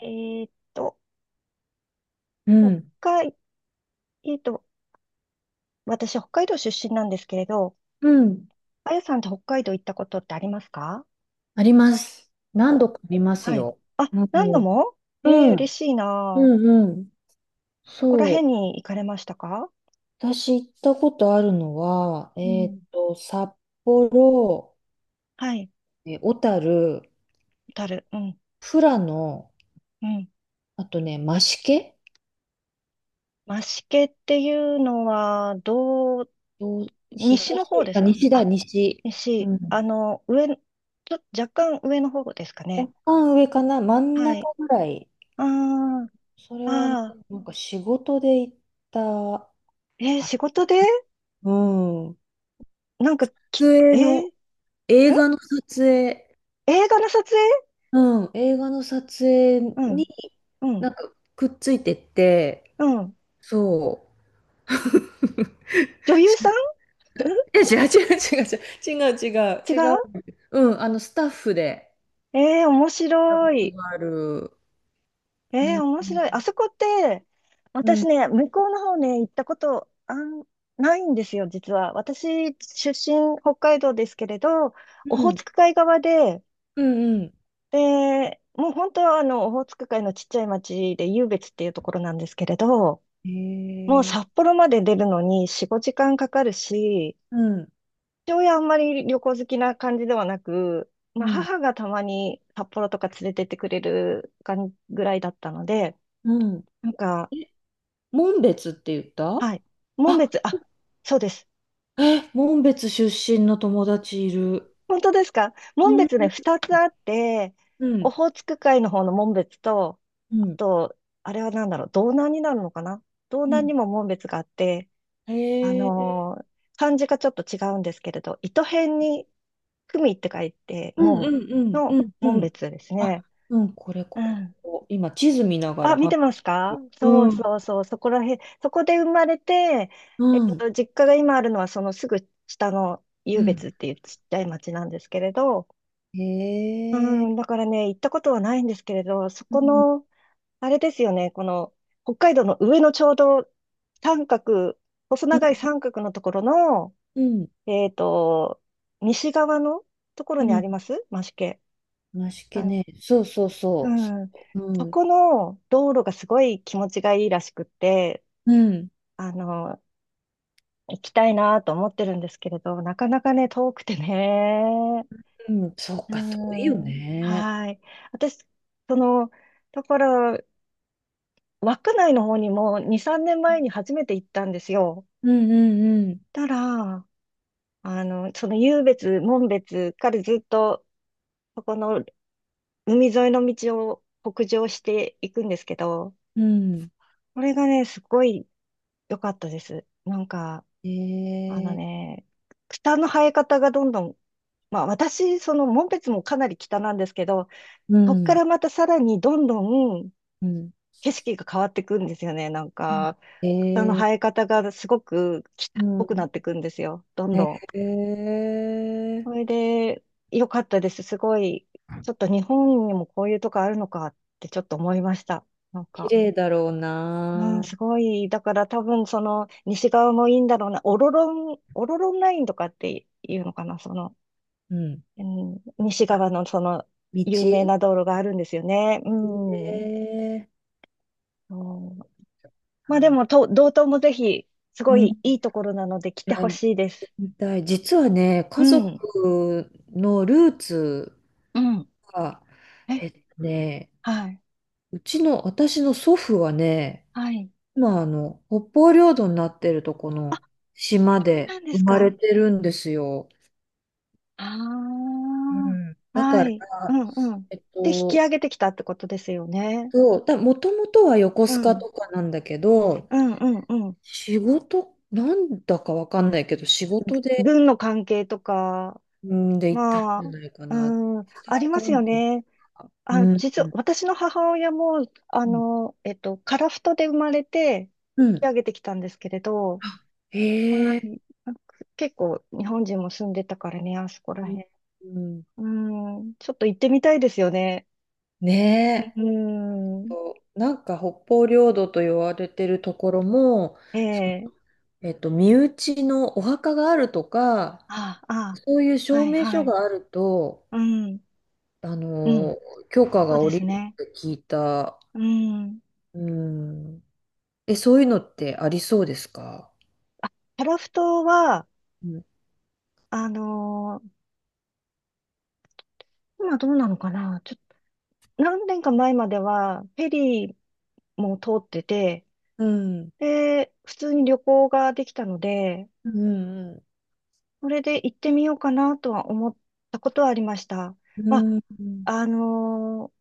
えーっと、う北ん。海、えーっと、私、北海道出身なんですけれど、うん。あやさんって北海道行ったことってありますか？あります。何お、度かありますはい。よ。あ、うん。何度も。うん。嬉しいなあ。こうんうん。こらそう。辺に行かれましたか？私行ったことあるのは、うん。札幌、はい。小樽、小樽。うん。富良野、うん。あとね、増毛増毛っていうのは、どう東、西の方ですあ、か西だ、あ？西。西。うん。あの、上、ちょ、若干上の方ですかね？若干上かな、真んは中い。ぐらい。あそれあ、はね、ああ、仕事で行ったか仕事でな。うん。なんか撮え影ーの、ん映画の撮影。映画の撮影。うん、映画の撮影うにん、うん、くっついてって、うん。そ女優さんん？ う。え、違う違う違う違う違う違う違う。違う。うん、あのスタッフでええー、面やったこ白とい。がある。うええん、ー、面白い。あそこって、う私ん、ね、向こうの方ね、行ったこと、ないんですよ、実は。私、出身、北海道ですけれど、オうホーん、ツク海側で、うん。うん。で、もう本当はオホーツク海のちっちゃい町で、湧別っていうところなんですけれど、へもうえ、札幌まで出るのに4、5時間かかるし、うん、父親あんまり旅行好きな感じではなく、まうあ、ん、母がたまに札幌とか連れてってくれるかんぐらいだったので、うん。なんか、え、紋別って言っはたい。紋あ、別、あ、そうです。え、紋別出身の友達いる。本当ですか？う紋ん、別ね、二つあって、うオん、ホーツク海の方の紋別と、うあん、と、あれは何だろう、道南になるのかな？道う南ん。にも紋別があって、へあえ、のー漢字がちょっと違うんですけれど、糸辺に組って書いて、うんう紋んうんのうんう紋ん。別ですあ、ね。うん、これ、うここ、こん。こ。今、地図見ながあ、ら見話てましすて。か？そううん、そうそう、そこらへん、そこで生まれて、うん、実家が今あるのはそのすぐ下のう湧ん。別っていうちっちゃい町なんですけれど、うへえ。ん、だからね、行ったことはないんですけれど、そうこん、の、あれですよね、この北海道の上のちょうど三角、細う長いん、三角のところの、うん、えっと、西側のところうにあん。ります増毛。梨系はい。ね。そうそううそう。そん、うん。う、そうん、この道路がすごい気持ちがいいらしくって、うん、あの、行きたいなと思ってるんですけれど、なかなかね、遠くてね。うん。そううか、遠いよん。ね。はい。私、その、だから、稚内の方にも2、3年うん、前に初めて行ったんですよ。うん、たら、その湧別、門別からずっと、そこの海沿いの道を北上していくんですけど、うん、うん。これがね、すごい良かったです。なんか、へあのえ。ね、草の生え方がどんどん。まあ、私、その紋別もかなり北なんですけど、うそっかん、らまたさらにどんどんうん。景色が変わってくんですよね。なんうん。か、草のへえ。生え方がすごく北うっぽくなん。ってくんですよ。どんへどん。え。それで、良かったです。すごい、ちょっと日本にもこういうとこあるのかってちょっと思いました。なん綺か、麗だろううん、な。すごい。だから多分その西側もいいんだろうな。オロロンラインとかっていうのかな。うん。うん、西あ、側のその道有名な道路があるんですよね。うん。うん。え。まあでも、道東もぜひ、すうごうん、いいいところなので来てはほい、しいです。見たい。実はね、う家ん。族のルーツうん。が、え、えっとね、はい。うちの、私の祖父はね、はい。今、あの、北方領土になってるとこの島そうでなんで生すまれか？てるんですよ。ああうー、んだはから、い。うんうん。えっで、引きと、上げてきたってことですよね。そうだ、もともとは横う須賀ん。とかなんだけど、うんうんうん。仕事、なんだかわかんないけど、仕事で、軍の関係とか、うん、で、行ったんまじあ、ゃないかな。うん、あり相ますよ関係ね。とか。うあ、ん、実うは、ん、私の母親も、うん。樺太で生まれて、う引きん。上げてきたんですけれど、あ、はへえ。い。なんか結構、日本人も住んでたからね、あそこらうん辺。うん。うん、ちょっと行ってみたいですよね。うねえ。ん、となんか北方領土と言われてるところも、その、ええ。身内のお墓があるとか、ああ、そういうあ、は証い、明は書い。があると、うん、あうん、の、許可そがう下でりするっね。て聞いた。うん。うん。え、そういうのってありそうですか？あ、樺太は、うん。あのー今どうなのかな。ちょっと、何年か前までは、フェリーも通ってて、うん。で、普通に旅行ができたので、うん。それで行ってみようかなとは思ったことはありました。うまん。あ、うん。あのー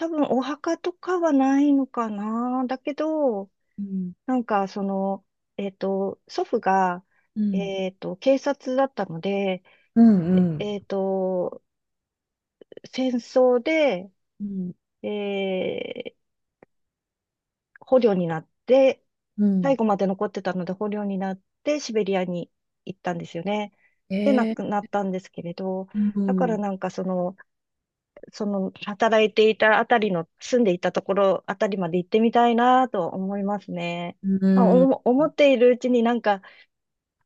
多分お墓とかはないのかな。だけど、うん。なんかその、祖父が、うん。警察だったので、うんうん。えっと、戦争で、うん。え捕虜になって、う最ん。後まで残ってたので捕虜になってシベリアに行ったんですよね。で、亡えー、くなったんですけれど、うだからん。なんかその働いていたあたりの、住んでいたところあたりまで行ってみたいなと思いますね。うまあん。思っているうちになんか、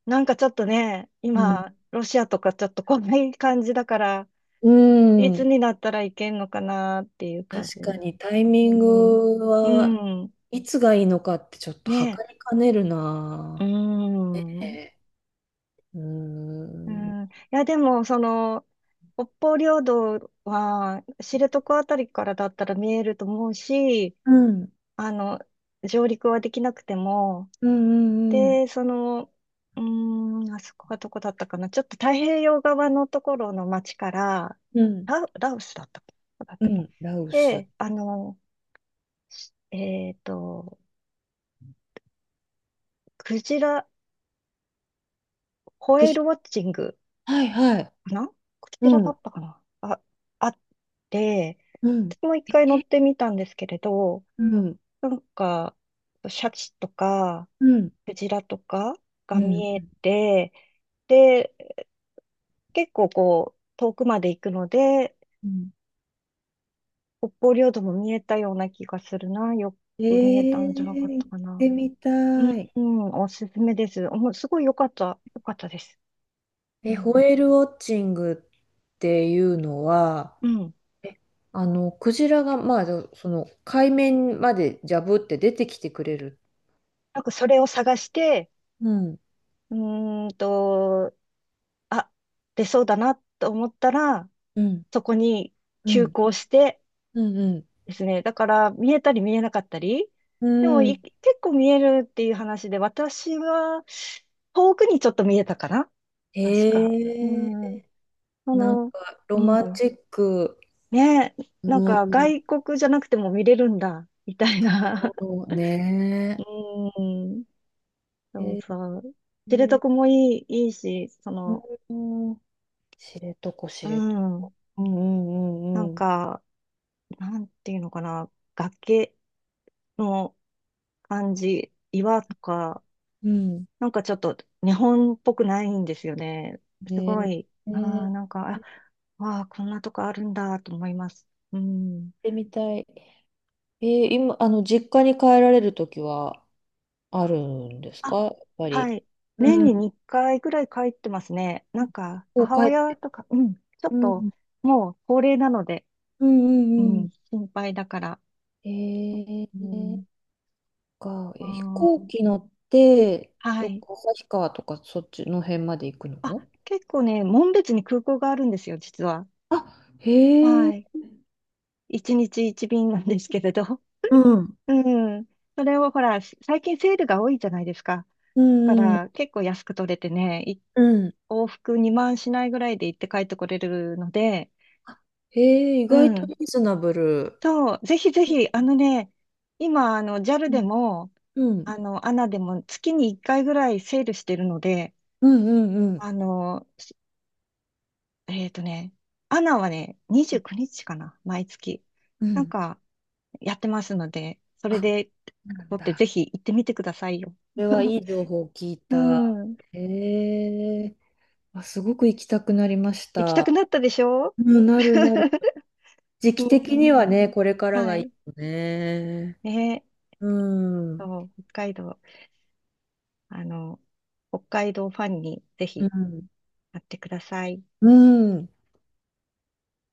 なんかちょっとね、うん。今、ロシアとかちょっとこんな感じだから、ういつん。になったらいけんのかなっていう感じ。確かにタイうミンん。グうはん。いつがいいのかってちょっとね。測りかねるうな。ん。えー、ううーん。ん、いや、でも、北方領土は、知床あたりからだったら見えると思うし、うん。あの、上陸はできなくても、うん。うんうん。で、あそこはどこだったかな。ちょっと太平洋側のところの町から、うん。ラオスだったっけどこだっうたっけ？ん。ラウス。で、えっと、クジラ、ホくエーじ。ルウォッチングはいはい。かな？こうちらだん。ったかなあ、あって、うん。私も一回乗ってみたんですけれど、うん。なんか、シャチとか、うん。クジラとかうがん。見えて、で、結構こう、遠くまで行くので、うん。北方領土も見えたような気がするな。よえく見えたんじゃなかっー、た行っかな。てみうたん、い。うん。おすすめです。もうすごい良かった、良かったです。うえ、ん。ホエールウォッチングっていうのは、うん。え、あの、クジラが、まあ、そその、海面までジャブって出てきてくれる。なんかそれを探して、うん、うーんと、あ、出そうだなと思ったら、うん、そこにう急ん、行してうん、うですね。だから見えたり見えなかったり。ん。でもうん。結構見えるっていう話で、私は遠くにちょっと見えたかな確か。うへえ、ん。そなんの、か、ロうマンん。チック。ね、なんうかん。外国じゃなくても見れるんだ、みたいな。そうね。うん。へそうえ、そう。知床もいい、いいし、うん、知床、知う床。ん。うん、うなんん、うん、か、なんていうのかな。崖、の感じ、岩とか、うん。うん。なんかちょっと日本っぽくないんですよね。ねすえ、ごねい、えあーあ、なんか、行あ、っわあ、こんなとこあるんだと思います。うん。てみたい。えー今、あの、実家に帰られるときはあるんですあ、か、やっぱはり。い。う年にん。2回ぐらい帰ってますね。なんか、こう母帰っ親て、とか、うん、ちょっうと、ん。もう高齢なので、ううんうんん、心配だから。うん。えうん、ー、か、あえ、飛行ー、機乗って、はどっい。か旭川とかそっちの辺まで行くあ、の？結構ね、紋別に空港があるんですよ、実は。あ、へえ、はい。一日一便なんですけれど。うん。うん。それをほら、最近セールが多いじゃないですか。うだかんうん、ら結構安く取れてね、うん。往復2万しないぐらいで行って帰ってこれるので、あ、へえ、意う外とリん。ーズナブル。そう、ぜひぜひ、あのね、今、JAL うでん、も、うん、ANA でも月に1回ぐらいセールしてるので、うん、うん。うん、あの、しえっとね、ANA はね、29日かな、毎月。うなんん。か、やってますので、それあ、で、なん取ってだ。ぜひ行ってみてくださいよ。それは いい情報を聞いうた。ん。へえ。あ、すごく行きたくなりまし行きたくた。なったでしょ？ うん、なるなる。時 う期的ん。にはね、これからがはいいい。よね。ね。うん。そう、北海道。あの、北海道ファンにぜうひん。なってください。うん。